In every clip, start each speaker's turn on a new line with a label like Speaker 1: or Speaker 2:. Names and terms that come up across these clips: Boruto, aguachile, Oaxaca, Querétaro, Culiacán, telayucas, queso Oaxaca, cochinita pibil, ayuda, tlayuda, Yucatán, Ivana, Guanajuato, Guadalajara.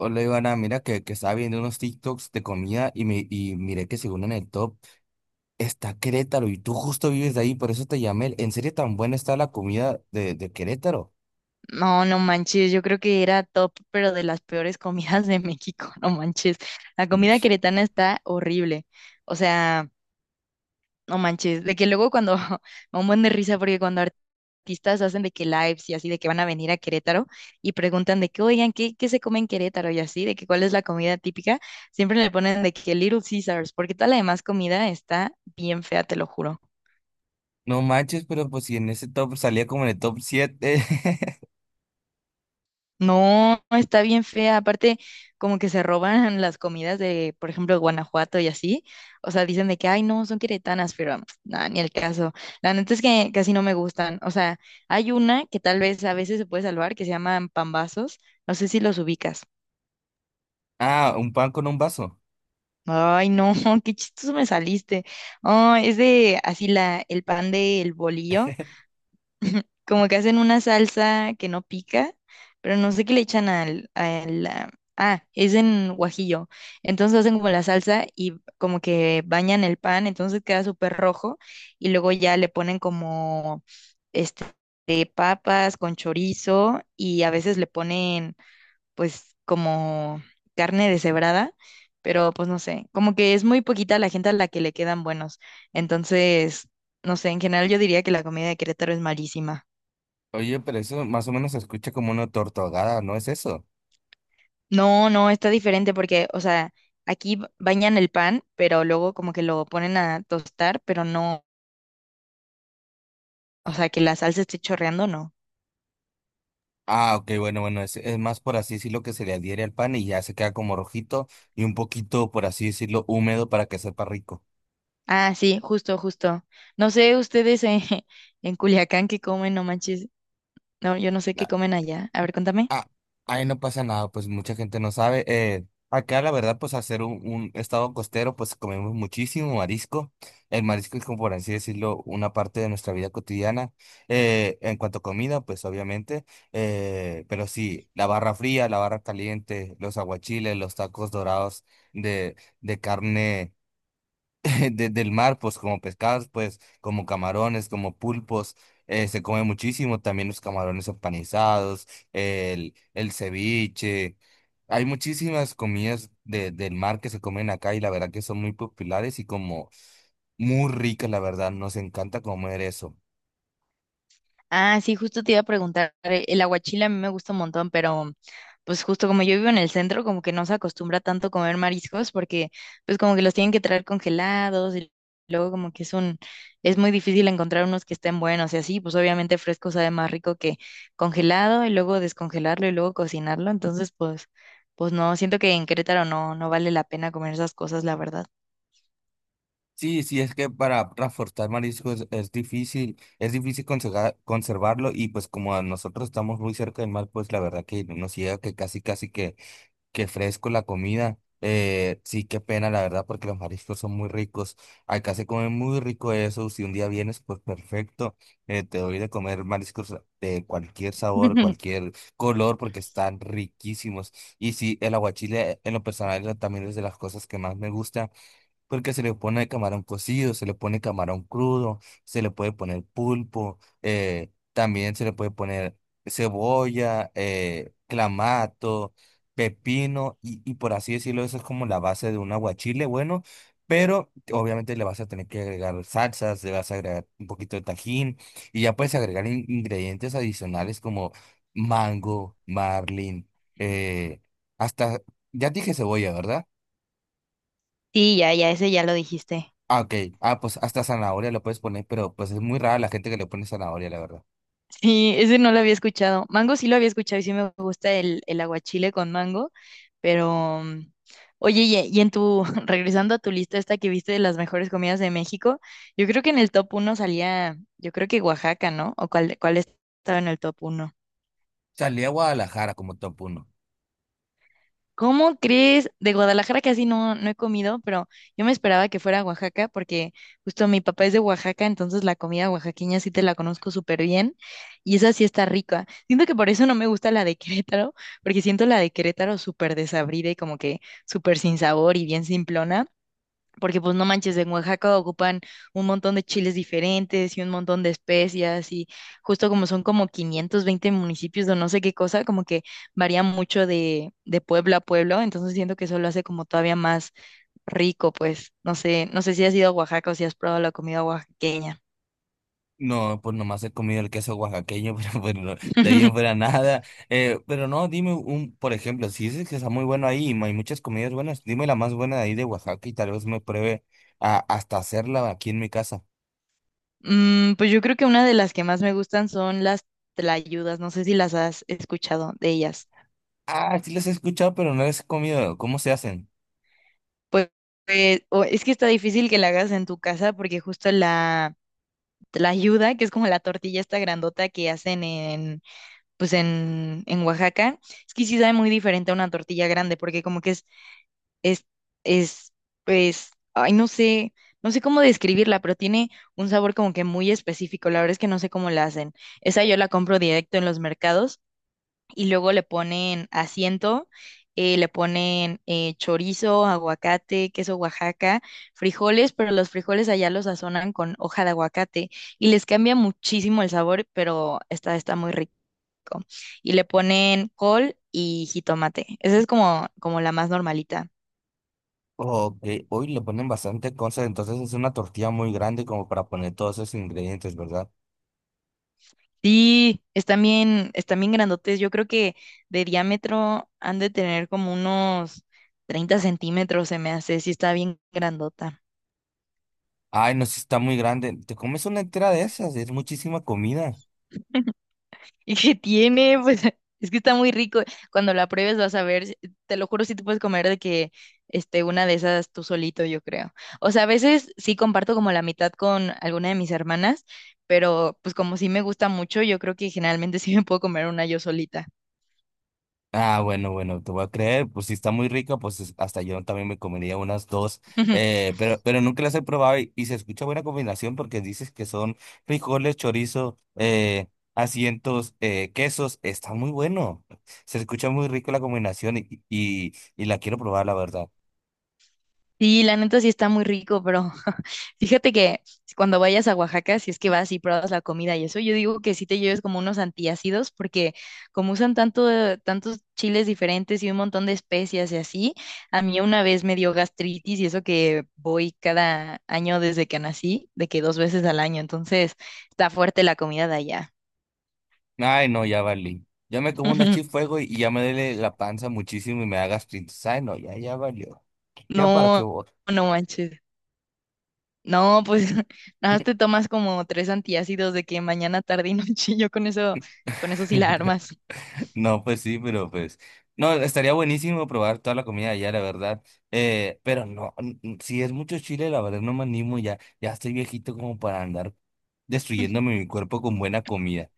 Speaker 1: Hola Ivana, mira que estaba viendo unos TikToks de comida y, miré que según en el top está Querétaro y tú justo vives de ahí, por eso te llamé. ¿En serio tan buena está la comida de Querétaro?
Speaker 2: No, no manches, yo creo que era top, pero de las peores comidas de México, no manches. La comida
Speaker 1: Mm.
Speaker 2: queretana está horrible. O sea, no manches, de que luego cuando me da un buen de risa porque cuando artistas hacen de que lives y así de que van a venir a Querétaro y preguntan de que, "Oigan, ¿qué se come en Querétaro?" y así, de que cuál es la comida típica, siempre le ponen de que Little Caesars, porque toda la demás comida está bien fea, te lo juro.
Speaker 1: No manches, pero pues si en ese top salía como en el top 7.
Speaker 2: No, está bien fea. Aparte, como que se roban las comidas de, por ejemplo, Guanajuato y así. O sea, dicen de que, ay, no, son queretanas, pero nada, ni el caso. La neta es que casi no me gustan. O sea, hay una que tal vez a veces se puede salvar, que se llaman pambazos. No sé si los ubicas.
Speaker 1: Ah, un pan con un vaso.
Speaker 2: Ay, no, qué chistoso me saliste. Oh, es de así el pan del bolillo, como que hacen una salsa que no pica, pero no sé qué le echan al, es en guajillo. Entonces hacen como la salsa y como que bañan el pan, entonces queda súper rojo y luego ya le ponen como este de papas con chorizo y a veces le ponen pues como carne deshebrada. Pero pues no sé, como que es muy poquita la gente a la que le quedan buenos. Entonces, no sé, en general yo diría que la comida de Querétaro es malísima.
Speaker 1: Oye, pero eso más o menos se escucha como una torta ahogada, ¿no es eso?
Speaker 2: No, no, está diferente porque, o sea, aquí bañan el pan, pero luego como que lo ponen a tostar, pero no, o sea, que la salsa esté chorreando, no.
Speaker 1: Ah, ok, bueno, bueno, es más por así decirlo que se le adhiere al pan y ya se queda como rojito y un poquito, por así decirlo, húmedo para que sepa rico.
Speaker 2: Ah, sí, justo, justo. No sé ustedes en, en Culiacán qué comen, no manches. No, yo no sé qué
Speaker 1: Ah,
Speaker 2: comen allá. A ver, contame.
Speaker 1: Ah, ahí no pasa nada, pues mucha gente no sabe. Acá la verdad, pues hacer un estado costero, pues comemos muchísimo marisco. El marisco es como por así decirlo, una parte de nuestra vida cotidiana. En cuanto a comida, pues obviamente. Eh, pero sí, la barra fría, la barra caliente, los aguachiles, los tacos dorados de, de carne. Del mar, pues como pescados, pues como camarones, como pulpos, se come muchísimo, también los camarones empanizados, el ceviche. Hay muchísimas comidas del mar que se comen acá y la verdad que son muy populares y como muy ricas, la verdad, nos encanta comer eso.
Speaker 2: Ah, sí, justo te iba a preguntar, el aguachile a mí me gusta un montón, pero pues justo como yo vivo en el centro, como que no se acostumbra tanto a comer mariscos porque pues como que los tienen que traer congelados y luego como que es un, es muy difícil encontrar unos que estén buenos y así, pues obviamente fresco sabe más rico que congelado y luego descongelarlo y luego cocinarlo, entonces pues, no, siento que en Querétaro no, no vale la pena comer esas cosas, la verdad.
Speaker 1: Sí, sí, es que para transportar marisco es difícil, es difícil conservarlo y pues como a nosotros estamos muy cerca del mar, pues la verdad que no nos llega que casi, casi que qué fresco la comida. Sí, qué pena, la verdad, porque los mariscos son muy ricos. Acá se come muy rico eso. Si un día vienes, pues perfecto. Te doy de comer mariscos de cualquier sabor, cualquier color, porque están riquísimos. Y sí, el aguachile, en lo personal, también es de las cosas que más me gusta. Porque se le pone camarón cocido, se le pone camarón crudo, se le puede poner pulpo, también se le puede poner cebolla, clamato, pepino, y por así decirlo, eso es como la base de un aguachile, bueno, pero obviamente le vas a tener que agregar salsas, le vas a agregar un poquito de tajín, y ya puedes agregar ingredientes adicionales como mango, marlin, eh, hasta, ya dije cebolla, ¿verdad?
Speaker 2: Sí, ya, ya, ese ya lo dijiste.
Speaker 1: Ah, ok. Ah, pues hasta zanahoria lo puedes poner, pero pues es muy rara la gente que le pone zanahoria, la verdad.
Speaker 2: Sí, ese no lo había escuchado. Mango sí lo había escuchado y sí me gusta el aguachile con mango, pero oye, y en tu, regresando a tu lista esta que viste de las mejores comidas de México, yo creo que en el top uno salía, yo creo que Oaxaca, ¿no? ¿O cuál estaba en el top uno?
Speaker 1: Salí a Guadalajara como top uno.
Speaker 2: ¿Cómo crees? De Guadalajara casi no, no he comido, pero yo me esperaba que fuera a Oaxaca porque justo mi papá es de Oaxaca, entonces la comida oaxaqueña sí te la conozco súper bien y esa sí está rica. Siento que por eso no me gusta la de Querétaro, porque siento la de Querétaro súper desabrida y como que súper sin sabor y bien simplona porque pues no manches, en Oaxaca ocupan un montón de chiles diferentes y un montón de especias y justo como son como 520 municipios o no sé qué cosa, como que varía mucho de, pueblo a pueblo, entonces siento que eso lo hace como todavía más rico, pues no sé, no sé si has ido a Oaxaca o si has probado la comida oaxaqueña.
Speaker 1: No, pues nomás he comido el queso oaxaqueño, pero bueno, de ahí en fuera nada. Pero no, dime un, por ejemplo, si dices que está muy bueno ahí y hay muchas comidas buenas, dime la más buena de ahí de Oaxaca y tal vez me pruebe a, hasta hacerla aquí en mi casa.
Speaker 2: Pues yo creo que una de las que más me gustan son las tlayudas, no sé si las has escuchado de ellas.
Speaker 1: Ah, sí les he escuchado, pero no les he comido. ¿Cómo se hacen?
Speaker 2: Pues, pues, es que está difícil que la hagas en tu casa porque justo la ayuda, que es como la tortilla esta grandota que hacen en Oaxaca, es que sí sabe muy diferente a una tortilla grande, porque como que es, es, pues, ay, no sé, no sé cómo describirla, pero tiene un sabor como que muy específico, la verdad es que no sé cómo la hacen. Esa yo la compro directo en los mercados y luego le ponen asiento, le ponen chorizo, aguacate, queso Oaxaca, frijoles, pero los frijoles allá los sazonan con hoja de aguacate y les cambia muchísimo el sabor, pero está muy rico. Y le ponen col y jitomate. Esa es como la más normalita.
Speaker 1: Ok, hoy le ponen bastante cosas, entonces es una tortilla muy grande como para poner todos esos ingredientes, ¿verdad?
Speaker 2: Sí, están bien, grandotes. Yo creo que de diámetro han de tener como unos 30 centímetros, se me hace. Sí, está bien grandota.
Speaker 1: Ay, no, si está muy grande. Te comes una entera de esas, es muchísima comida.
Speaker 2: ¿Y qué tiene? Pues es que está muy rico. Cuando la pruebes vas a ver, te lo juro, si te puedes comer de que este, una de esas tú solito, yo creo. O sea, a veces sí comparto como la mitad con alguna de mis hermanas, pero pues como sí me gusta mucho, yo creo que generalmente sí me puedo comer una yo solita.
Speaker 1: Ah, bueno, bueno, te voy a creer. Pues si está muy rica, pues hasta yo también me comería unas dos. Pero nunca las he probado y se escucha buena combinación porque dices que son frijoles, chorizo, asientos, quesos. Está muy bueno. Se escucha muy rico la combinación y la quiero probar, la verdad.
Speaker 2: Sí, la neta sí está muy rico, pero fíjate que cuando vayas a Oaxaca, si es que vas y pruebas la comida y eso, yo digo que sí te lleves como unos antiácidos, porque como usan tanto, tantos chiles diferentes y un montón de especias y así, a mí una vez me dio gastritis y eso que voy cada año desde que nací, de que dos veces al año, entonces está fuerte la comida de allá.
Speaker 1: Ay, no, ya valí. Ya me como una chip fuego y ya me duele la panza muchísimo y me da gastritis. Ay, no, ya, ya valió. Ya para qué
Speaker 2: No,
Speaker 1: voy.
Speaker 2: no manches. No, pues nada más te tomas como tres antiácidos de que mañana, tarde y noche, yo con eso sí la armas.
Speaker 1: No, pues sí, pero pues. No, estaría buenísimo probar toda la comida allá, la verdad. Pero no, si es mucho chile, la verdad no me animo ya. Ya estoy viejito como para andar destruyéndome mi cuerpo con buena comida.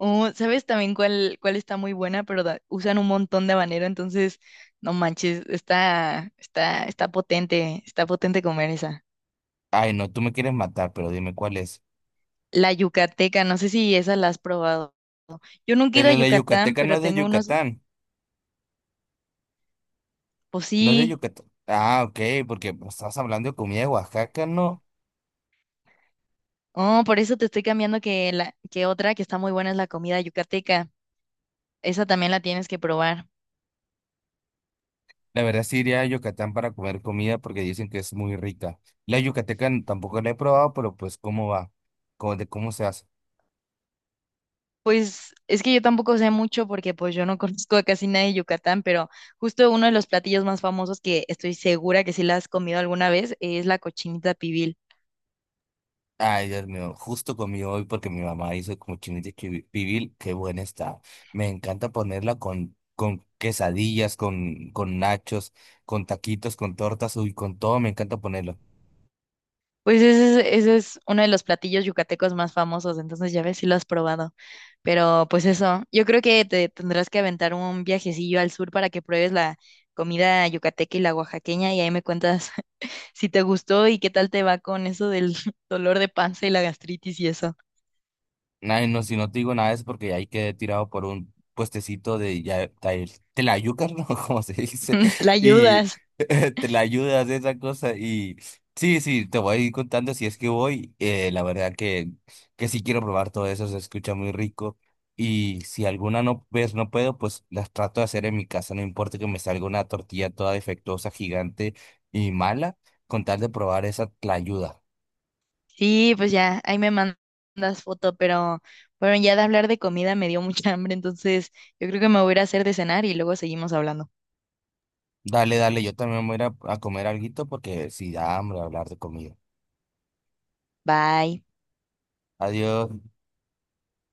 Speaker 2: O, ¿sabes también cuál está muy buena? Pero usan un montón de habanero, entonces, no manches, está potente, está potente comer esa.
Speaker 1: Ay, no, tú me quieres matar, pero dime cuál es.
Speaker 2: La yucateca, no sé si esa la has probado. Yo nunca he ido a
Speaker 1: Pero la
Speaker 2: Yucatán,
Speaker 1: yucateca no
Speaker 2: pero
Speaker 1: es de
Speaker 2: tengo unos,
Speaker 1: Yucatán.
Speaker 2: pues
Speaker 1: No es de
Speaker 2: sí.
Speaker 1: Yucatán. Ah, ok, porque pues, estabas hablando de comida de Oaxaca, ¿no?
Speaker 2: Oh, por eso te estoy cambiando que que otra que está muy buena es la comida yucateca. Esa también la tienes que probar.
Speaker 1: La verdad sí iría a Yucatán para comer comida porque dicen que es muy rica. La yucateca tampoco la he probado, pero pues cómo va, cómo, de cómo se hace.
Speaker 2: Pues es que yo tampoco sé mucho porque pues yo no conozco a casi nadie de Yucatán, pero justo uno de los platillos más famosos que estoy segura que sí la has comido alguna vez es la cochinita pibil.
Speaker 1: Ay, Dios mío, justo comí hoy porque mi mamá hizo cochinita pibil, pibil, qué buena está. Me encanta ponerla con quesadillas, con nachos, con taquitos, con tortas, uy, con todo, me encanta ponerla.
Speaker 2: Pues ese es uno de los platillos yucatecos más famosos, entonces ya ves si lo has probado. Pero pues eso, yo creo que te tendrás que aventar un viajecillo al sur para que pruebes la comida yucateca y la oaxaqueña y ahí me cuentas si te gustó y qué tal te va con eso del dolor de panza y la gastritis y eso.
Speaker 1: Nah, no, si no te digo nada es porque ahí quedé tirado por un puestecito de ya, de telayucas, ¿no? Como se dice.
Speaker 2: la
Speaker 1: Y
Speaker 2: ayudas.
Speaker 1: te la ayudas de esa cosa. Y sí, sí, te voy a ir contando si es que voy. La verdad que sí quiero probar todo eso, se escucha muy rico. Y si alguna no ves, no puedo, pues las trato de hacer en mi casa. No importa que me salga una tortilla toda defectuosa, gigante y mala, con tal de probar esa tlayuda.
Speaker 2: Sí, pues ya, ahí me mandas foto, pero bueno, ya de hablar de comida me dio mucha hambre, entonces yo creo que me voy a ir a hacer de cenar y luego seguimos hablando.
Speaker 1: Dale, dale, yo también voy a ir a comer alguito porque si da hambre hablar de comida.
Speaker 2: Bye.
Speaker 1: Adiós.